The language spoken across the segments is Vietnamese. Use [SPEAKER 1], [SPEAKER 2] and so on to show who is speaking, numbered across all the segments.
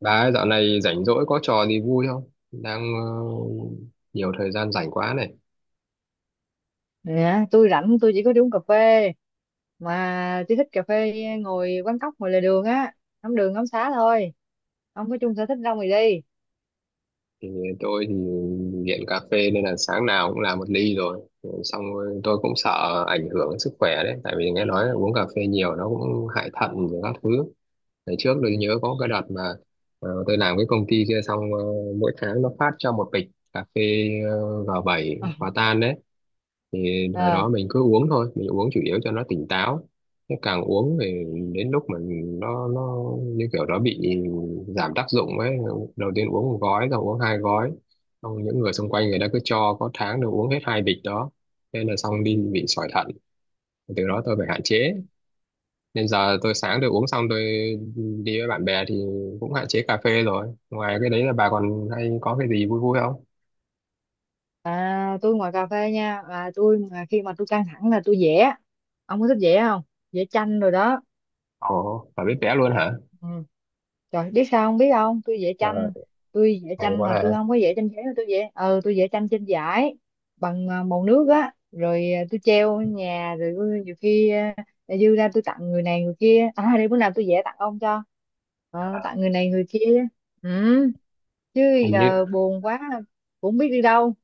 [SPEAKER 1] Bà ấy dạo này rảnh rỗi có trò gì vui không? Đang nhiều thời gian rảnh quá này.
[SPEAKER 2] Dạ, tôi rảnh tôi chỉ có đi uống cà phê mà tôi thích cà phê ngồi quán cóc ngồi lề đường á, ngắm đường ngắm xá thôi, không có chung sở thích đâu mà đi.
[SPEAKER 1] Thì tôi thì nghiện cà phê nên là sáng nào cũng làm một ly rồi. Xong rồi tôi cũng sợ ảnh hưởng đến sức khỏe đấy. Tại vì nghe nói là uống cà phê nhiều nó cũng hại thận và các thứ. Ngày trước tôi nhớ có cái đợt mà tôi làm cái công ty kia xong mỗi tháng nó phát cho một bịch cà phê G7 hòa tan đấy. Thì thời
[SPEAKER 2] Ờ,
[SPEAKER 1] đó mình cứ uống thôi, mình uống chủ yếu cho nó tỉnh táo. Thế càng uống thì đến lúc mình nó như kiểu nó bị giảm tác dụng ấy, đầu tiên uống một gói rồi uống hai gói, xong những người xung quanh người ta cứ cho, có tháng được uống hết hai bịch đó nên là xong đi bị sỏi thận. Từ đó tôi phải hạn chế, nên giờ tôi sáng tôi uống xong, tôi đi với bạn bè thì cũng hạn chế cà phê rồi. Ngoài cái đấy là bà còn hay có cái gì vui vui không?
[SPEAKER 2] tôi ngoài cà phê nha, là tôi mà khi mà tôi căng thẳng là tôi vẽ. Ông có thích vẽ không? Vẽ tranh rồi đó.
[SPEAKER 1] Ồ, bà biết vẽ luôn hả?
[SPEAKER 2] Ừ. Trời, biết sao không, biết không, tôi vẽ
[SPEAKER 1] ờ,
[SPEAKER 2] tranh. tôi vẽ
[SPEAKER 1] Hay
[SPEAKER 2] tranh
[SPEAKER 1] quá
[SPEAKER 2] mà tôi
[SPEAKER 1] ha.
[SPEAKER 2] không có vẽ tranh giấy, mà tôi vẽ tôi vẽ tranh trên vải bằng màu nước á, rồi tôi treo ở nhà, rồi nhiều khi dư ra tôi tặng người này người kia. À đây, bữa nào tôi vẽ tặng ông cho. Ờ, tặng người này người kia, ừ, chứ
[SPEAKER 1] Hình như,
[SPEAKER 2] giờ buồn quá cũng không biết đi đâu.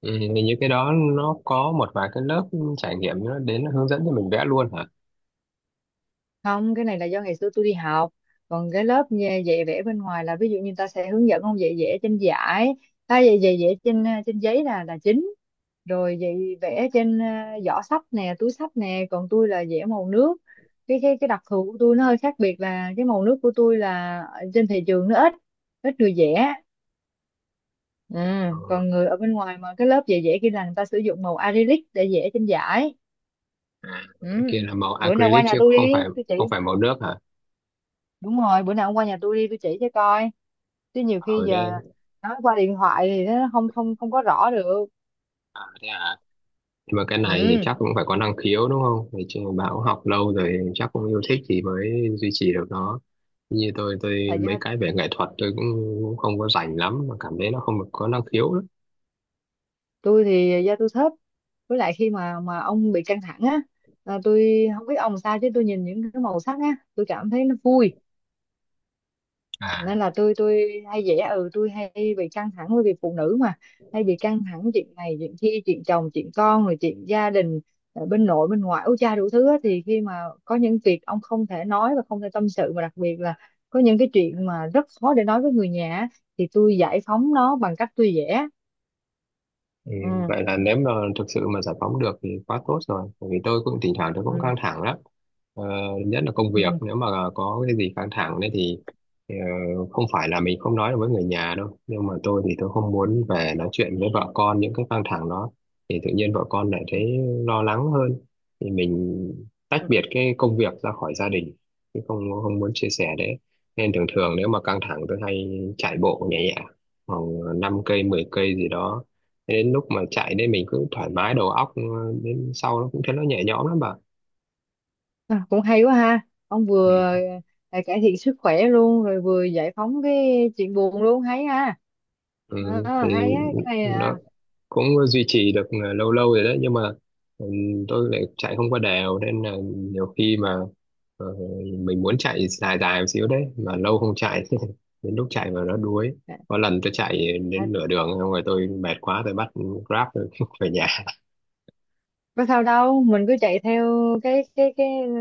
[SPEAKER 1] ừ, thì như cái đó nó có một vài cái lớp trải nghiệm nó đến nó hướng dẫn cho mình vẽ luôn hả?
[SPEAKER 2] Không, cái này là do ngày xưa tôi đi học. Còn cái dạy vẽ bên ngoài là ví dụ như người ta sẽ hướng dẫn ông, dạy vẽ trên giải, ta dạy dạy vẽ trên trên giấy là chính, rồi dạy vẽ trên giỏ sách nè, túi sách nè, còn tôi là vẽ màu nước. Cái đặc thù của tôi nó hơi khác biệt là cái màu nước của tôi là ở trên thị trường nó ít ít người vẽ. Ừ.
[SPEAKER 1] Ờ,
[SPEAKER 2] Còn người ở bên ngoài mà cái lớp dạy vẽ kia là người ta sử dụng màu acrylic để vẽ trên giải. Ừ.
[SPEAKER 1] cái kia là màu
[SPEAKER 2] Bữa nào qua
[SPEAKER 1] acrylic
[SPEAKER 2] nhà
[SPEAKER 1] chứ
[SPEAKER 2] tôi
[SPEAKER 1] không
[SPEAKER 2] đi,
[SPEAKER 1] phải,
[SPEAKER 2] tôi chỉ.
[SPEAKER 1] không phải màu nước hả?
[SPEAKER 2] Đúng rồi, bữa nào ông qua nhà tôi đi, tôi chỉ cho coi, chứ nhiều khi
[SPEAKER 1] Ở đây,
[SPEAKER 2] giờ nói qua điện thoại thì nó không không không có rõ được.
[SPEAKER 1] à, thế à? Nhưng mà cái này thì
[SPEAKER 2] Ừ,
[SPEAKER 1] chắc cũng phải có năng khiếu đúng không? Thì chứ bạn cũng học lâu rồi, chắc cũng yêu thích thì mới duy trì được nó. Như tôi
[SPEAKER 2] là
[SPEAKER 1] mấy
[SPEAKER 2] do,
[SPEAKER 1] cái về nghệ thuật tôi cũng, cũng không có rành lắm mà cảm thấy nó không được có năng khiếu lắm.
[SPEAKER 2] tôi thì do tôi thấp, với lại khi mà ông bị căng thẳng á, là tôi không biết ông sao chứ tôi nhìn những cái màu sắc á, tôi cảm thấy nó vui.
[SPEAKER 1] À,
[SPEAKER 2] Nên là tôi hay dễ, ừ, tôi hay bị căng thẳng, bởi vì phụ nữ mà, hay bị căng thẳng chuyện này chuyện kia, chuyện chồng chuyện con rồi chuyện gia đình ở bên nội bên ngoại, ú cha đủ thứ á. Thì khi mà có những việc ông không thể nói và không thể tâm sự, mà đặc biệt là có những cái chuyện mà rất khó để nói với người nhà á, thì tôi giải phóng nó bằng cách tôi vẽ.
[SPEAKER 1] ừ,
[SPEAKER 2] Ừ,
[SPEAKER 1] vậy là nếu mà thực sự mà giải phóng được thì quá tốt rồi, bởi vì tôi cũng thỉnh thoảng tôi cũng
[SPEAKER 2] ừ,
[SPEAKER 1] căng thẳng lắm. ờ, Nhất là công việc,
[SPEAKER 2] ừ,
[SPEAKER 1] nếu mà có cái gì căng thẳng đấy thì ờ, không phải là mình không nói được với người nhà đâu, nhưng mà tôi thì tôi không muốn về nói chuyện với vợ con những cái căng thẳng đó, thì tự nhiên vợ con lại
[SPEAKER 2] ừ,
[SPEAKER 1] thấy lo lắng hơn, thì mình tách
[SPEAKER 2] ừ.
[SPEAKER 1] biệt cái công việc ra khỏi gia đình, chứ không, không muốn chia sẻ đấy. Nên thường thường nếu mà căng thẳng tôi hay chạy bộ nhẹ nhẹ khoảng 5 cây 10 cây gì đó. Thế đến lúc mà chạy đây mình cứ thoải mái đầu óc, đến sau nó cũng thấy nó nhẹ nhõm lắm bà.
[SPEAKER 2] À, cũng hay quá ha, ông vừa
[SPEAKER 1] Ừ.
[SPEAKER 2] cải thiện sức khỏe luôn, rồi vừa giải phóng cái chuyện buồn luôn, hay ha.
[SPEAKER 1] Ừ,
[SPEAKER 2] Ờ,
[SPEAKER 1] thì
[SPEAKER 2] hay á, cái này
[SPEAKER 1] nó cũng duy trì được lâu lâu rồi đấy, nhưng mà, ừ, tôi lại chạy không có đều nên là nhiều khi mà ờ, mình muốn chạy dài dài một xíu đấy mà lâu không chạy đến lúc chạy mà nó đuối. Có lần tôi chạy
[SPEAKER 2] à,
[SPEAKER 1] đến nửa đường xong rồi tôi mệt quá, tôi bắt Grab tôi về nhà.
[SPEAKER 2] có sao đâu, mình cứ chạy theo cái ừ,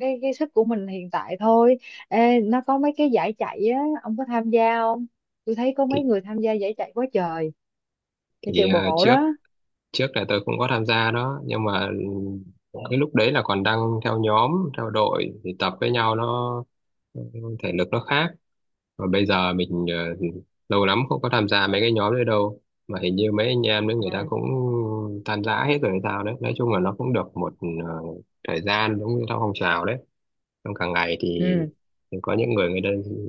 [SPEAKER 2] cái sức của mình hiện tại thôi. Ê, nó có mấy cái giải chạy á, ông có tham gia không? Tôi thấy có mấy
[SPEAKER 1] thì,
[SPEAKER 2] người tham gia giải chạy quá trời, giải chạy
[SPEAKER 1] thì
[SPEAKER 2] bộ
[SPEAKER 1] trước,
[SPEAKER 2] đó.
[SPEAKER 1] trước là tôi cũng có tham gia đó nhưng mà, dạ, cái lúc đấy là còn đang theo nhóm, theo đội thì tập với nhau nó thể lực nó khác. Và bây giờ mình lâu lắm không có tham gia mấy cái nhóm đấy đâu, mà hình như mấy anh em đấy người ta
[SPEAKER 2] Ừ,
[SPEAKER 1] cũng tan rã hết rồi hay sao đấy. Nói chung là nó cũng được một ờ, thời gian, giống như theo phong trào đấy trong cả ngày
[SPEAKER 2] ừ,
[SPEAKER 1] thì có những người người ta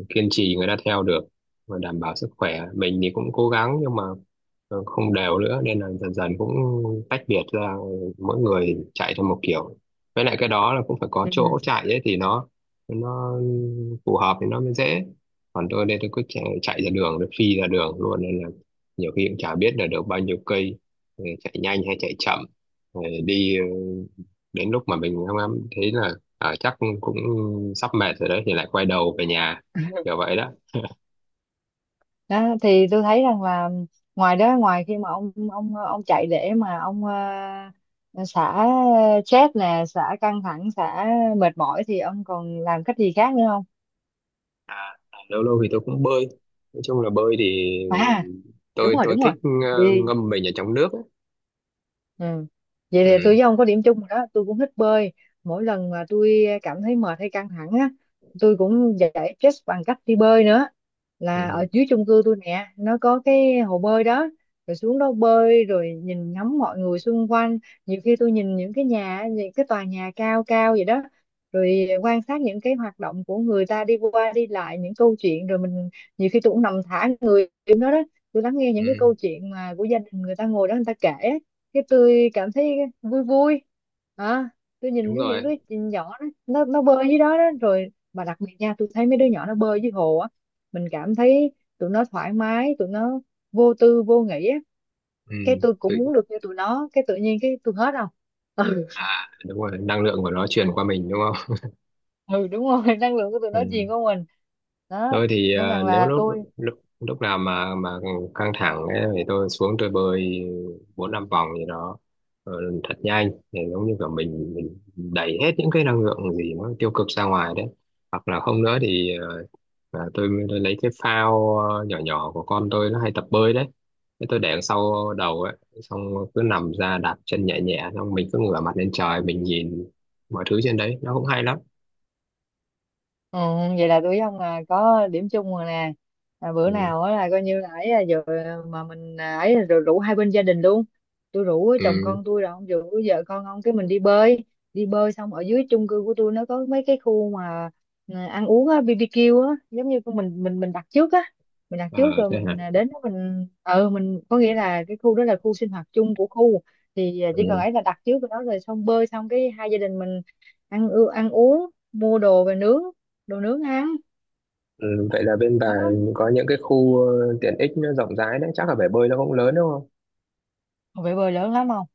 [SPEAKER 1] kiên trì người ta theo được và đảm bảo sức khỏe. Mình thì cũng cố gắng nhưng mà không đều nữa, nên là dần dần cũng tách biệt ra, mỗi người chạy theo một kiểu. Với lại cái đó là cũng phải có chỗ
[SPEAKER 2] ừ
[SPEAKER 1] chạy ấy thì nó phù hợp thì nó mới dễ. Còn tôi đây tôi cứ chạy, chạy ra đường, tôi phi ra đường luôn, nên là nhiều khi cũng chả biết là được bao nhiêu cây, chạy nhanh hay chạy chậm. Rồi đi đến lúc mà mình không em thấy là, ờ, chắc cũng sắp mệt rồi đấy thì lại quay đầu về nhà, kiểu vậy đó.
[SPEAKER 2] đó. Thì tôi thấy rằng là ngoài đó, ngoài khi mà ông chạy để mà ông ờ, xả stress nè, xả căng thẳng, xả mệt mỏi, thì ông còn làm cách gì khác nữa không?
[SPEAKER 1] Lâu lâu thì tôi cũng bơi. Nói chung là bơi thì
[SPEAKER 2] À đúng
[SPEAKER 1] tôi
[SPEAKER 2] rồi,
[SPEAKER 1] tôi
[SPEAKER 2] đúng rồi,
[SPEAKER 1] thích
[SPEAKER 2] đi.
[SPEAKER 1] ngâm mình ở trong nước ấy.
[SPEAKER 2] Ừ. Vậy thì tôi
[SPEAKER 1] Ừ.
[SPEAKER 2] với ông có điểm chung rồi đó, tôi cũng thích bơi. Mỗi lần mà tôi cảm thấy mệt hay căng thẳng á, tôi cũng giải stress bằng cách đi bơi nữa,
[SPEAKER 1] Ừ.
[SPEAKER 2] là ở dưới chung cư tôi nè, nó có cái hồ bơi đó, rồi xuống đó bơi, rồi nhìn ngắm mọi người xung quanh. Nhiều khi tôi nhìn những cái nhà, những cái tòa nhà cao cao vậy đó, rồi quan sát những cái hoạt động của người ta đi qua đi lại, những câu chuyện, rồi mình nhiều khi tôi cũng nằm thả người xuống đó đó, tôi lắng nghe
[SPEAKER 1] Ừ,
[SPEAKER 2] những cái câu chuyện mà của gia đình người ta ngồi đó người ta kể. Cái tôi cảm thấy vui vui. À, tôi nhìn
[SPEAKER 1] đúng
[SPEAKER 2] thấy những đứa
[SPEAKER 1] rồi.
[SPEAKER 2] nhỏ nó bơi dưới đó, đó, rồi mà đặc biệt nha, tôi thấy mấy đứa nhỏ nó bơi dưới hồ á, mình cảm thấy tụi nó thoải mái, tụi nó vô tư vô nghĩ á.
[SPEAKER 1] Ừ.
[SPEAKER 2] Cái tôi cũng
[SPEAKER 1] Tự,
[SPEAKER 2] muốn được như tụi nó, cái tự nhiên cái tôi hết không, ừ.
[SPEAKER 1] à đúng rồi, năng lượng của nó truyền qua mình đúng không.
[SPEAKER 2] Ừ đúng rồi. Năng lượng của tụi nó truyền
[SPEAKER 1] Ừ.
[SPEAKER 2] qua mình đó,
[SPEAKER 1] Tôi thì
[SPEAKER 2] nên rằng
[SPEAKER 1] nếu
[SPEAKER 2] là
[SPEAKER 1] lúc,
[SPEAKER 2] tôi.
[SPEAKER 1] lúc nào mà căng thẳng ấy, thì tôi xuống tôi bơi bốn năm vòng gì đó, ờ, thật nhanh để giống như cả mình đẩy hết những cái năng lượng gì nó tiêu cực ra ngoài đấy. Hoặc là không nữa thì tôi lấy cái phao nhỏ nhỏ của con tôi nó hay tập bơi đấy. Thế tôi để đằng sau đầu ấy xong cứ nằm ra đạp chân nhẹ nhẹ, xong mình cứ ngửa mặt lên trời mình nhìn mọi thứ trên đấy nó cũng hay lắm.
[SPEAKER 2] Ừ, vậy là tụi ông là có điểm chung rồi nè. À, bữa
[SPEAKER 1] Ừ.
[SPEAKER 2] nào á là coi như là, ấy là giờ mà mình ấy là rồi, rủ hai bên gia đình luôn, tôi rủ chồng
[SPEAKER 1] Ừ.
[SPEAKER 2] con tôi rồi ông rủ vợ con ông, cái mình đi bơi. Đi bơi xong, ở dưới chung cư của tôi nó có mấy cái khu mà ăn uống á, BBQ á, giống như của mình đặt trước á. Mình đặt
[SPEAKER 1] Ờ,
[SPEAKER 2] trước rồi
[SPEAKER 1] thế hả?
[SPEAKER 2] mình đến đó mình, ừ mình có nghĩa là cái khu đó là khu sinh hoạt chung của khu, thì
[SPEAKER 1] Ừ.
[SPEAKER 2] chỉ cần ấy là đặt trước rồi đó, rồi xong bơi xong cái hai gia đình mình ăn uống mua đồ về nướng, đồ nướng ăn
[SPEAKER 1] Ừ, vậy là bên bà
[SPEAKER 2] đó.
[SPEAKER 1] có những cái khu tiện ích nó rộng rãi đấy, chắc là bể bơi nó cũng lớn đúng không?
[SPEAKER 2] Còn bơi lớn lắm không,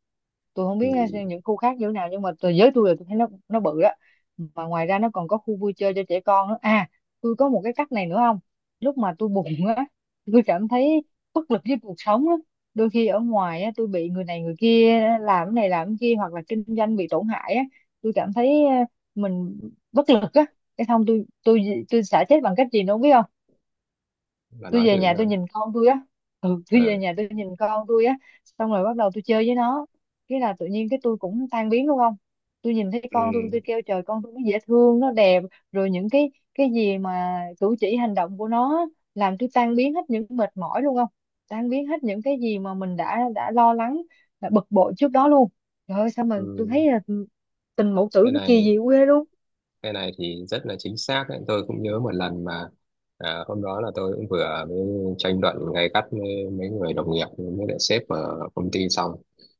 [SPEAKER 2] tôi không
[SPEAKER 1] Ừ,
[SPEAKER 2] biết, những khu khác như thế nào nhưng mà tôi, giới tôi là tôi thấy nó bự á, mà ngoài ra nó còn có khu vui chơi cho trẻ con nữa. À tôi có một cái cách này nữa không, lúc mà tôi buồn á, tôi cảm thấy bất lực với cuộc sống á, đôi khi ở ngoài á tôi bị người này người kia làm cái này làm cái kia, hoặc là kinh doanh bị tổn hại á, tôi cảm thấy uh, mình bất lực á. Cái xong tôi tôi xả stress bằng cách gì nữa không, biết không?
[SPEAKER 1] bà
[SPEAKER 2] Tôi
[SPEAKER 1] nói thử
[SPEAKER 2] về nhà tôi
[SPEAKER 1] nào.
[SPEAKER 2] nhìn con tôi á. Ừ, tôi về
[SPEAKER 1] Ờ.
[SPEAKER 2] nhà tôi nhìn con tôi á, xong rồi bắt đầu tôi chơi với nó, cái là tự nhiên cái tôi cũng tan biến luôn không. Tôi nhìn thấy
[SPEAKER 1] Ừ.
[SPEAKER 2] con tôi kêu trời, con tôi nó dễ thương, nó đẹp, rồi những cái gì mà cử chỉ hành động của nó á, làm tôi tan biến hết những mệt mỏi luôn không, tan biến hết những cái gì mà mình đã lo lắng, đã bực bội trước đó luôn. Trời ơi, sao mà tôi
[SPEAKER 1] Ừ,
[SPEAKER 2] thấy là tình mẫu tử
[SPEAKER 1] thế
[SPEAKER 2] nó
[SPEAKER 1] này,
[SPEAKER 2] kỳ diệu ghê luôn.
[SPEAKER 1] cái này thì rất là chính xác đấy. Tôi cũng nhớ một lần mà, à, hôm đó là tôi cũng vừa mới tranh luận gay gắt với mấy người đồng nghiệp với lại sếp ở công ty xong.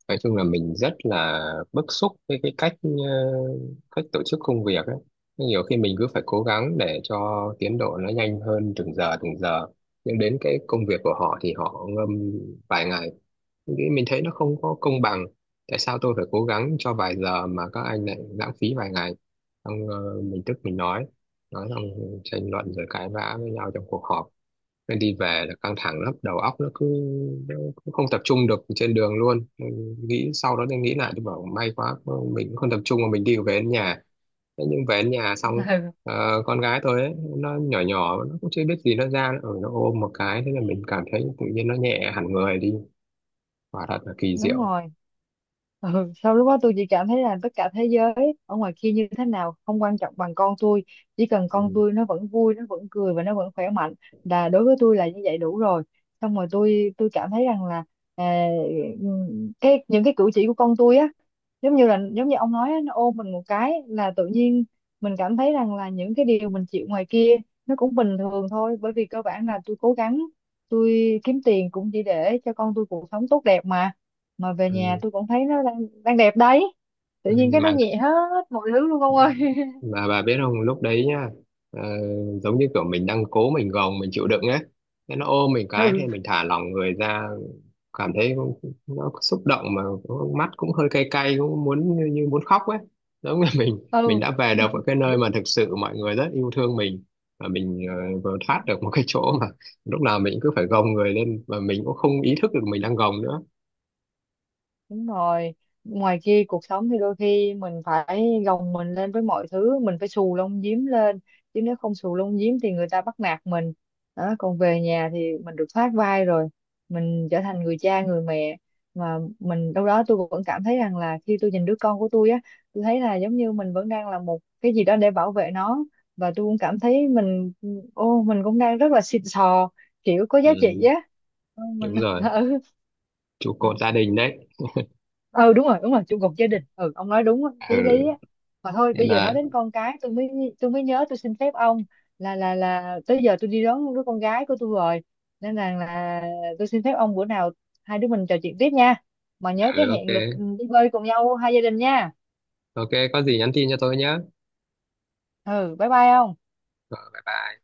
[SPEAKER 1] Nói chung là mình rất là bức xúc với cái cách cách tổ chức công việc ấy, nhiều khi mình cứ phải cố gắng để cho tiến độ nó nhanh hơn từng giờ từng giờ, nhưng đến cái công việc của họ thì họ ngâm vài ngày. Nghĩ mình thấy nó không có công bằng, tại sao tôi phải cố gắng cho vài giờ mà các anh lại lãng phí vài ngày. Xong mình tức mình nói xong tranh luận rồi cãi vã với nhau trong cuộc họp, nên đi về là căng thẳng lắm, đầu óc nó cứ, nó cứ không tập trung được trên đường luôn. Mình nghĩ sau đó tôi nghĩ lại tôi bảo may quá, mình cũng không tập trung mà mình đi về đến nhà. Thế nhưng về đến nhà xong,
[SPEAKER 2] Ừ,
[SPEAKER 1] con gái tôi ấy, nó nhỏ nhỏ nó cũng chưa biết gì, nó ra ở nó ôm một cái, thế là mình cảm thấy tự nhiên nó nhẹ hẳn người đi, quả thật là kỳ
[SPEAKER 2] đúng
[SPEAKER 1] diệu.
[SPEAKER 2] rồi. Ừ, sau lúc đó tôi chỉ cảm thấy là tất cả thế giới ở ngoài kia như thế nào không quan trọng bằng con tôi. Chỉ cần
[SPEAKER 1] Ừ.
[SPEAKER 2] con tôi nó vẫn vui, nó vẫn cười và nó vẫn khỏe mạnh, là đối với tôi là như vậy đủ rồi. Xong rồi tôi cảm thấy rằng là à, cái những cái cử chỉ của con tôi á, giống như là giống như ông nói á, nó ôm mình một cái là tự nhiên mình cảm thấy rằng là những cái điều mình chịu ngoài kia nó cũng bình thường thôi, bởi vì cơ bản là tôi cố gắng, tôi kiếm tiền cũng chỉ để cho con tôi cuộc sống tốt đẹp mà. Mà về nhà
[SPEAKER 1] Ừ.
[SPEAKER 2] tôi cũng thấy nó đang đang đẹp đấy, tự
[SPEAKER 1] Ừ.
[SPEAKER 2] nhiên cái nó
[SPEAKER 1] mà
[SPEAKER 2] nhẹ hết mọi thứ luôn ông ơi.
[SPEAKER 1] mà bà biết không lúc đấy nhá, ờ, giống như kiểu mình đang cố, mình gồng mình chịu đựng ấy, thế nó ôm mình cái thì
[SPEAKER 2] Ừ,
[SPEAKER 1] mình thả lỏng người ra, cảm thấy cũng- nó xúc động mà, cũng- mắt cũng hơi cay cay, cũng muốn như, như muốn khóc ấy, giống như mình đã về được ở cái nơi mà thực sự mọi người rất yêu thương mình. Và mình vừa
[SPEAKER 2] ừ.
[SPEAKER 1] thoát được một cái chỗ mà lúc nào mình cứ phải gồng người lên và mình cũng không ý thức được mình đang gồng nữa.
[SPEAKER 2] Đúng rồi, ngoài kia cuộc sống thì đôi khi mình phải gồng mình lên với mọi thứ, mình phải xù lông giếm lên, chứ nếu không xù lông giếm thì người ta bắt nạt mình. Đó, còn về nhà thì mình được thoát vai rồi, mình trở thành người cha, người mẹ. Mà mình đâu đó tôi vẫn cảm thấy rằng là khi tôi nhìn đứa con của tôi á, tôi thấy là giống như mình vẫn đang là một cái gì đó để bảo vệ nó. Và tôi cũng cảm thấy mình, ô, mình cũng đang rất là xịn sò, kiểu có giá trị
[SPEAKER 1] Ừ,
[SPEAKER 2] á. Ừ, mình,
[SPEAKER 1] đúng rồi, trụ
[SPEAKER 2] ừ,
[SPEAKER 1] cột gia đình đấy.
[SPEAKER 2] ừ, đúng rồi, đúng rồi, trụ cột gia đình, ừ ông nói đúng á, chí lý á.
[SPEAKER 1] Ừ,
[SPEAKER 2] Mà thôi
[SPEAKER 1] nên
[SPEAKER 2] bây giờ nói
[SPEAKER 1] là,
[SPEAKER 2] đến con cái tôi mới, tôi mới nhớ, tôi xin phép ông là tới giờ tôi đi đón đứa con gái của tôi rồi, nên là tôi xin phép ông, bữa nào hai đứa mình trò chuyện tiếp nha, mà nhớ
[SPEAKER 1] ừ,
[SPEAKER 2] cái
[SPEAKER 1] ok,
[SPEAKER 2] hẹn lịch đi bơi cùng nhau hai gia đình nha.
[SPEAKER 1] ok có gì nhắn tin cho tôi nhé.
[SPEAKER 2] Ừ, bye bye ông.
[SPEAKER 1] Rồi, bye bye.